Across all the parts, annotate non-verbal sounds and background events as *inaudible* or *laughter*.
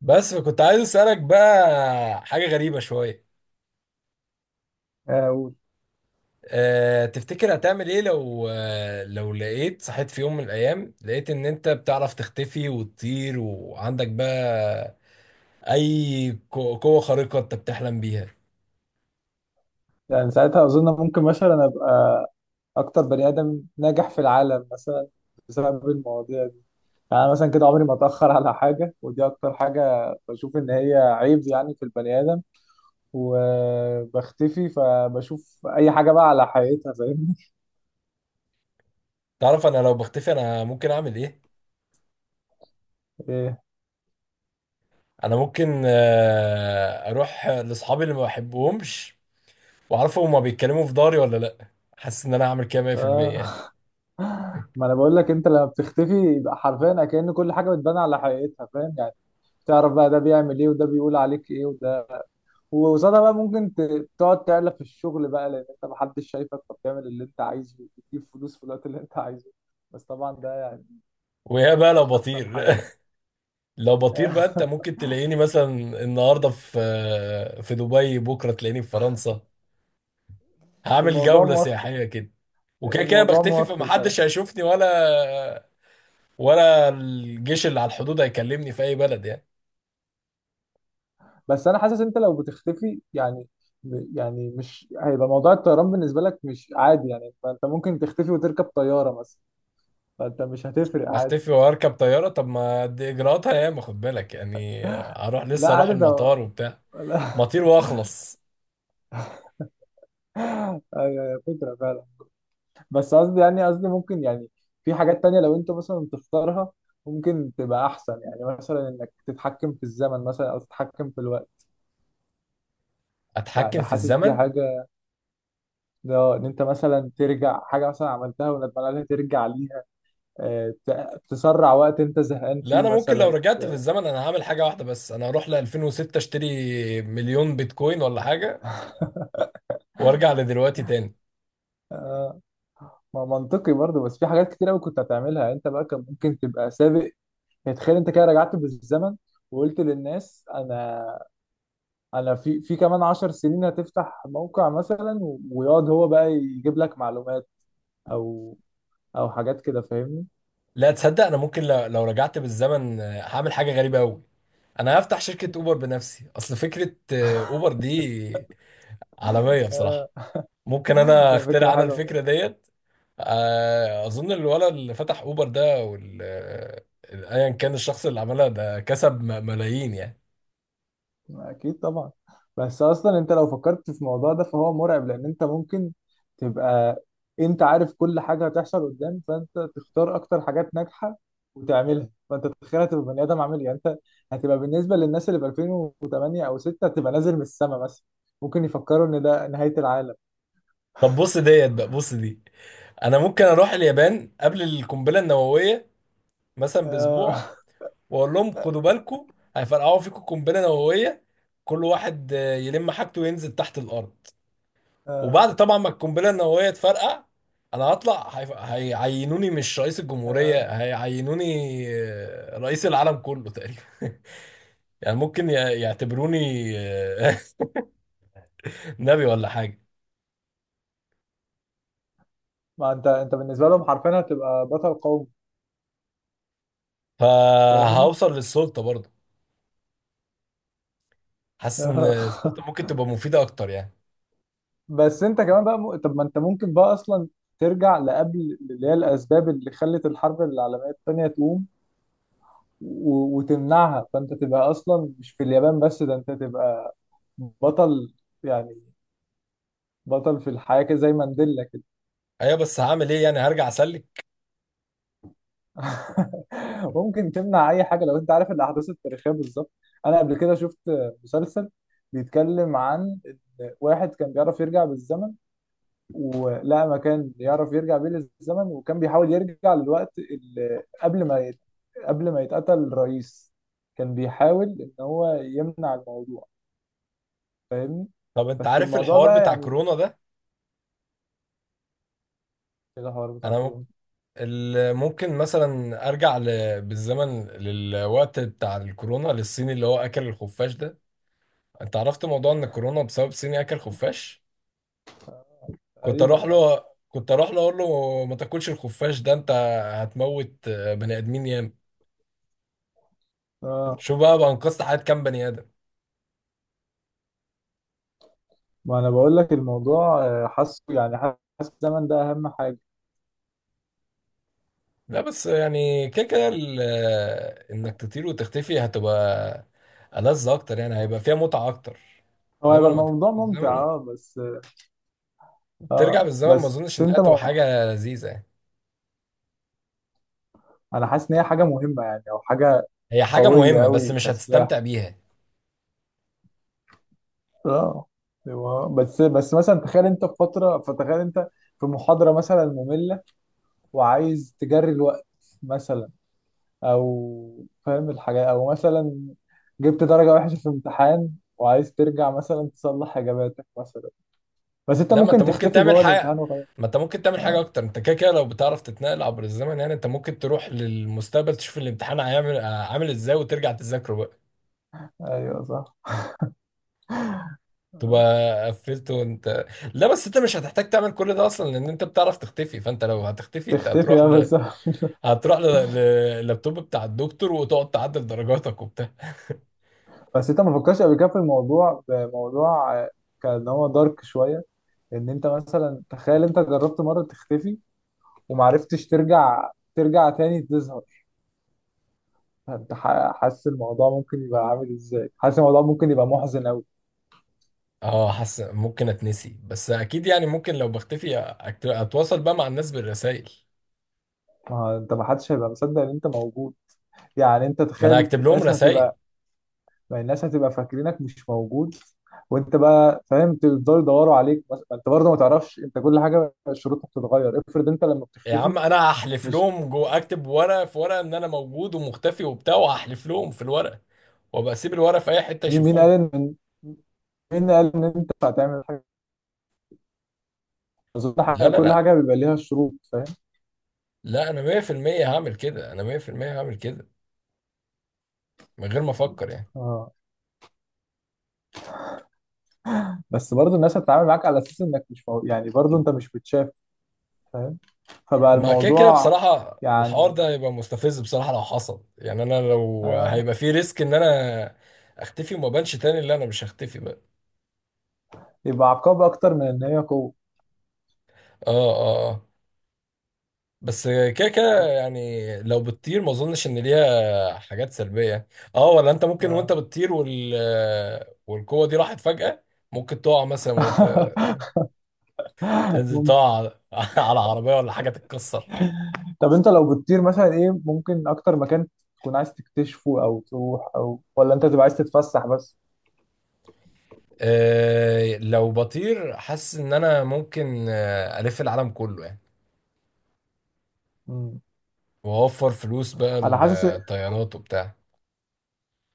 بس فكنت عايز اسالك بقى حاجه غريبه شويه. آه، أه تفتكر هتعمل ايه لو لو لقيت صحيت في يوم من الايام، لقيت ان انت بتعرف تختفي وتطير، وعندك بقى اي قوه خارقه انت بتحلم بيها؟ يعني ساعتها أظن ممكن مثلا أبقى أكتر بني آدم ناجح في العالم مثلا بسبب المواضيع دي. يعني أنا مثلا كده عمري ما أتأخر على حاجة، ودي أكتر حاجة بشوف إن هي عيب يعني في البني آدم. وبختفي فبشوف أي حاجة بقى على حقيقتها، فاهمني؟ تعرف انا لو بختفي انا ممكن اعمل ايه؟ إيه. انا ممكن اروح لاصحابي اللي ما بحبهمش واعرفهم هما بيتكلموا في داري ولا لا. حاسس ان انا هعمل كده 100% يعني. آه. *laughs* ما أنا بقول لك، أنت لما بتختفي يبقى حرفيا كأن كل حاجة بتبان على حقيقتها، فاهم يعني؟ تعرف بقى ده بيعمل إيه، وده بيقول عليك إيه، وده وقصادها بقى ممكن تقعد تعلى في الشغل بقى، لان انت محدش شايفك فبتعمل اللي انت عايزه وتجيب فلوس في الوقت اللي انت عايزه. بس طبعا ده ويا بقى لو مش احسن بطير، حل يعني. لو بطير بقى، انت *laughs* ممكن تلاقيني مثلا النهارده في دبي، بكره تلاقيني في فرنسا. هعمل الموضوع جوله موفر. سياحيه كده. وكده كده الموضوع بختفي موفر كمان. فمحدش هيشوفني، ولا الجيش اللي على الحدود هيكلمني في اي بلد يعني. بس انا حاسس انت لو بتختفي يعني، يعني مش هيبقى موضوع الطيران بالنسبه لك مش عادي يعني، فانت ممكن تختفي وتركب طياره مثلا، فانت مش هتفرق عادي. اختفي واركب طياره؟ طب ما دي اجراءاتها ياما، خد بالك يعني. اروح لا لسه اروح عادي ده. المطار وبتاع، *laughs* لا. مطير واخلص. أيوة، فكره فعلا. بس قصدي يعني، قصدي ممكن يعني في حاجات تانية لو انت مثلا تختارها ممكن تبقى احسن، يعني مثلا انك تتحكم في الزمن مثلا او تتحكم في الوقت. اتحكم يعني في حاسس دي الزمن؟ حاجة، ده ان انت مثلا ترجع حاجة مثلا عملتها وندمان عليها ترجع ليها. تسرع وقت انت زهقان لا فيه انا ممكن لو مثلا. رجعت في الزمن انا هعمل حاجه واحده بس، انا هروح ل 2006 اشتري 1000000 بيتكوين ولا حاجه وارجع لدلوقتي تاني. آه، ما منطقي برضه، بس في حاجات كتير قوي كنت هتعملها يعني، انت بقى كان ممكن تبقى سابق. يعني تخيل انت كده رجعت بالزمن، وقلت للناس انا، انا في كمان 10 سنين هتفتح موقع مثلا، ويقعد هو بقى يجيب لك معلومات، او او حاجات كده، فاهمني. لا، تصدق انا ممكن لو رجعت بالزمن هعمل حاجه غريبه قوي. انا هفتح شركه اوبر بنفسي. اصل فكره اوبر دي *laughs* عالميه بصراحه. آه، ممكن انا فكرة اخترع انا حلوة الفكره برضه. ديت. اظن الولد اللي فتح اوبر ده وال آه، ايا كان الشخص اللي عملها ده كسب ملايين يعني. اكيد طبعا. بس اصلا انت لو فكرت في الموضوع ده فهو مرعب، لان انت ممكن تبقى، انت عارف كل حاجة هتحصل قدام، فانت تختار اكتر حاجات ناجحة وتعملها، فانت تتخيل هتبقى بني ادم عامل إيه. يعني انت هتبقى بالنسبة للناس اللي في 2008 او 6 هتبقى نازل من السما مثلا، ممكن يفكروا ان ده نهاية العالم. طب بص ديت بقى، بص دي. انا ممكن اروح اليابان قبل القنبله النوويه مثلا باسبوع، آه. واقول لهم خدوا بالكم هيفرقعوا فيكم قنبله نوويه، كل واحد يلم حاجته وينزل تحت الارض. آه، وبعد طبعا ما القنبله النوويه تفرقع، انا هطلع هيعينوني مش رئيس الجمهوريه، آه. هيعينوني رئيس العالم كله تقريبا. *laughs* يعني ممكن يعتبروني آه، *laughs* نبي ولا حاجه. ما انت انت بالنسبه لهم حرفيا هتبقى بطل قومي، فاهمني. فهوصل للسلطه برضه. حاسس ان آه. السلطه *laughs* ممكن تبقى مفيده اكتر يعني. بس انت كمان بقى طب ما انت ممكن بقى اصلا ترجع لقبل اللي هي الاسباب اللي خلت الحرب العالميه الثانيه تقوم وتمنعها، فانت تبقى اصلا مش في اليابان بس، ده انت تبقى بطل، يعني بطل في الحياه كده زي مانديلا. ايوه بس هعمل ايه؟ يعني هرجع اسلك؟ *laughs* ممكن تمنع اي حاجه لو انت عارف الاحداث التاريخيه بالظبط. انا قبل كده شفت مسلسل بيتكلم عن إن واحد كان بيعرف يرجع بالزمن، ولقى مكان يعرف يرجع بيه للزمن، وكان بيحاول يرجع للوقت اللي قبل ما يت... قبل ما يتقتل الرئيس. كان بيحاول ان هو يمنع الموضوع، فاهمني. طب انت بس عارف الموضوع الحوار بقى بتاع يعني، كورونا ده؟ إيه الحوار بتاع انا كورونا؟ ممكن مثلا ارجع بالزمن للوقت بتاع الكورونا، للصيني اللي هو اكل الخفاش ده. انت عرفت موضوع ان الكورونا بسبب صيني اكل خفاش. كنت تقريبا اروح يعني. له كنت اروح له اقول له ما تاكلش الخفاش ده، انت هتموت بني ادمين ياما. اه شوف بقى، انقذت حياة كام بني ادم. ما انا بقول لك الموضوع، حاسه يعني حاسس الزمن ده اهم حاجه. لا بس يعني كده كده انك تطير وتختفي هتبقى ألذ اكتر يعني، هيبقى فيها متعة اكتر. هو انما هيبقى لما ترجع الموضوع ممتع بالزمن، اه، بس ترجع اه بالزمن ما بس اظنش انها انت تبقى ما... حاجة لذيذة يعني. انا حاسس ان هي حاجه مهمه يعني، او حاجه هي حاجة قويه مهمة بس قوي مش كسلاح. هتستمتع بيها. اه. أيوة. بس مثلا تخيل انت في فتره، فتخيل انت في محاضره مثلا ممله وعايز تجري الوقت مثلا، او فاهم الحاجه، او مثلا جبت درجه وحشه في امتحان وعايز ترجع مثلا تصلح اجاباتك مثلا. بس انت لا، ما انت ممكن ممكن تختفي تعمل جوه حاجة الامتحان وخلاص. ما انت ممكن تعمل حاجة اكتر. انت كده كده لو بتعرف تتنقل عبر الزمن، يعني انت ممكن تروح للمستقبل تشوف الامتحان هيعمل عامل ازاي وترجع تذاكره بقى، ايوه صح. تبقى قفلته وانت. لا بس انت مش هتحتاج تعمل كل ده اصلا لان انت بتعرف تختفي. فانت لو هتختفي انت تختفي اه بس. *laughs* هتروح ل- لللابتوب بتاع الدكتور وتقعد تعدل درجاتك وبتاع. بس انت ما فكرتش قبل كده في الموضوع، بموضوع آه، كان هو دارك شويه، ان انت مثلا تخيل انت جربت مره تختفي ومعرفتش ترجع، ترجع تاني تظهر. انت حاسس الموضوع ممكن يبقى عامل ازاي، حاسس الموضوع ممكن يبقى محزن قوي. اه، حاسس ممكن اتنسي، بس اكيد يعني ممكن لو بختفي اتواصل بقى مع الناس بالرسائل. ما هو انت، ما حدش هيبقى مصدق ان انت موجود. يعني انت ما انا تخيل هكتب لهم الناس رسائل. هتبقى، ما الناس هتبقى فاكرينك مش موجود، وانت بقى فاهم تفضلوا يدوروا عليك ما انت برضه ما تعرفش، انت كل حاجه شروطها بتتغير. افرض انت لما يا بتختفي عم انا هحلف مش، لهم، جو اكتب ورقه في ورقه ان انا موجود ومختفي وبتاع، وهحلف لهم في الورقه وابقى اسيب الورقه في اي حته مين قال يشوفوها. ان مين قال ان انت هتعمل حاجه. أظن لا لا كل لا حاجه بيبقى ليها شروط، فاهم. لا انا 100% هعمل كده، انا 100% هعمل كده من غير ما افكر يعني. اه. بس برضه الناس هتتعامل معاك على اساس انك مش مو... يعني برضه انت مش متشاف، فاهم. فبقى ما كده كده الموضوع بصراحه الحوار ده يعني، هيبقى مستفز بصراحه لو حصل يعني. انا لو آه. هيبقى في ريسك ان انا اختفي وما بانش تاني، اللي انا مش هختفي بقى. يبقى عقاب اكتر من ان هي قوه. اه، اه، آه. بس كده كده يعني لو بتطير ما اظنش ان ليها حاجات سلبية. اه، ولا انت ممكن وانت آه. بتطير والقوة دي راحت فجأة، ممكن تقع مثلا وانت *laughs* تنزل، ممكن. تقع على *laughs* على عربية ولا حاجة تتكسر. طب انت لو بتطير مثلا، ايه ممكن اكتر مكان تكون عايز تكتشفه او تروح، او ولا انت تبقى عايز تتفسح بس؟ آه لو بطير حاسس ان انا ممكن الف العالم كله يعني، مم. واوفر فلوس بقى انا حاسس، الطيارات وبتاع.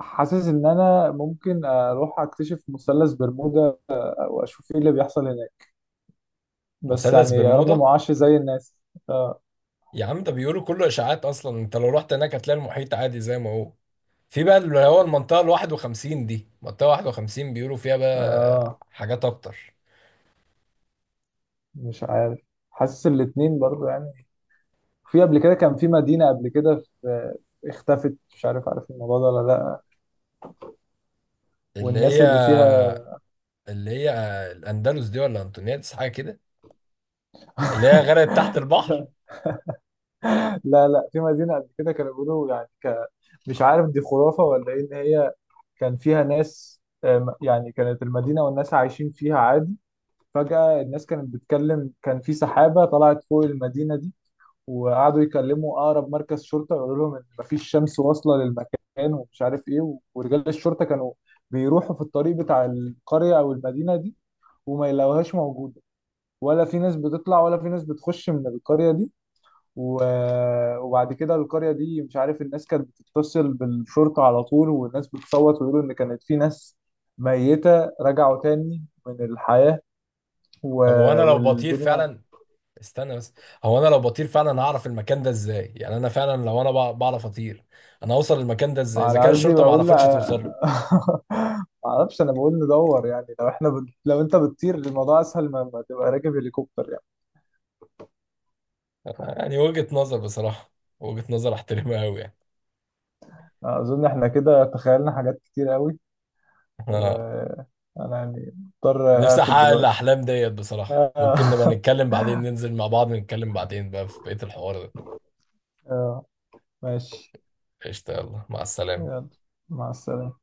حاسس ان انا ممكن اروح اكتشف مثلث برمودا واشوف ايه اللي بيحصل هناك. بس مثلث يعني يا رب برمودا؟ ما اعش زي الناس. آه. يا عم ده بيقولوا كله اشاعات، اصلا انت لو رحت هناك هتلاقي المحيط عادي زي ما هو. في بقى اللي هو المنطقة ال 51 دي، منطقة 51 بيقولوا فيها بقى اه حاجات أكتر. مش عارف، حاسس الاتنين برضو يعني. في قبل كده كان في مدينة، قبل كده في اختفت، مش عارف عارف الموضوع ده ولا لا، اللي والناس هي اللي فيها. اللي هي الأندلس دي ولا أنتونيادس حاجة كده، اللي هي غرقت تحت البحر. *laughs* لا لا، في مدينة قبل كده كانوا بيقولوا يعني مش عارف دي خرافة ولا ايه، ان هي كان فيها ناس. يعني كانت المدينة والناس عايشين فيها عادي، فجأة الناس كانت بتتكلم كان في سحابة طلعت فوق المدينة دي، وقعدوا يكلموا اقرب مركز شرطه يقولوا لهم ان مفيش شمس واصله للمكان ومش عارف ايه، ورجال الشرطه كانوا بيروحوا في الطريق بتاع القريه او المدينه دي، وما يلاقوهاش موجوده، ولا في ناس بتطلع ولا في ناس بتخش من القريه دي، و... وبعد كده القريه دي مش عارف، الناس كانت بتتصل بالشرطه على طول، والناس بتصوت ويقولوا ان كانت في ناس ميته رجعوا تاني من الحياه، و... طب هو أنا لو بطير والدنيا. فعلا، استنى بس، هو أنا لو بطير فعلا هعرف المكان ده إزاي؟ يعني أنا فعلا لو أنا بعرف أطير، أنا هوصل المكان ده إزاي إذا انا كان قصدي الشرطة ما بقول عرفتش لا. توصل *laughs* له؟ ما اعرفش، انا بقول ندور يعني لو احنا لو انت بتطير الموضوع اسهل، ما تبقى راكب هليكوبتر يعني. يعني وجهة نظر بصراحة، وجهة نظر أحترمها أوي يعني. اظن احنا كده تخيلنا حاجات كتير قوي، *laughs* وانا يعني مضطر نفسي اقفل احقق دلوقتي. الاحلام ديت بصراحه. ممكن نبقى *laughs* نتكلم بعدين، ننزل مع بعض نتكلم بعدين بقى في بقيه الحوار ده. آه، ماشي. قشطه، يلا مع السلامه. يلا مع السلامة.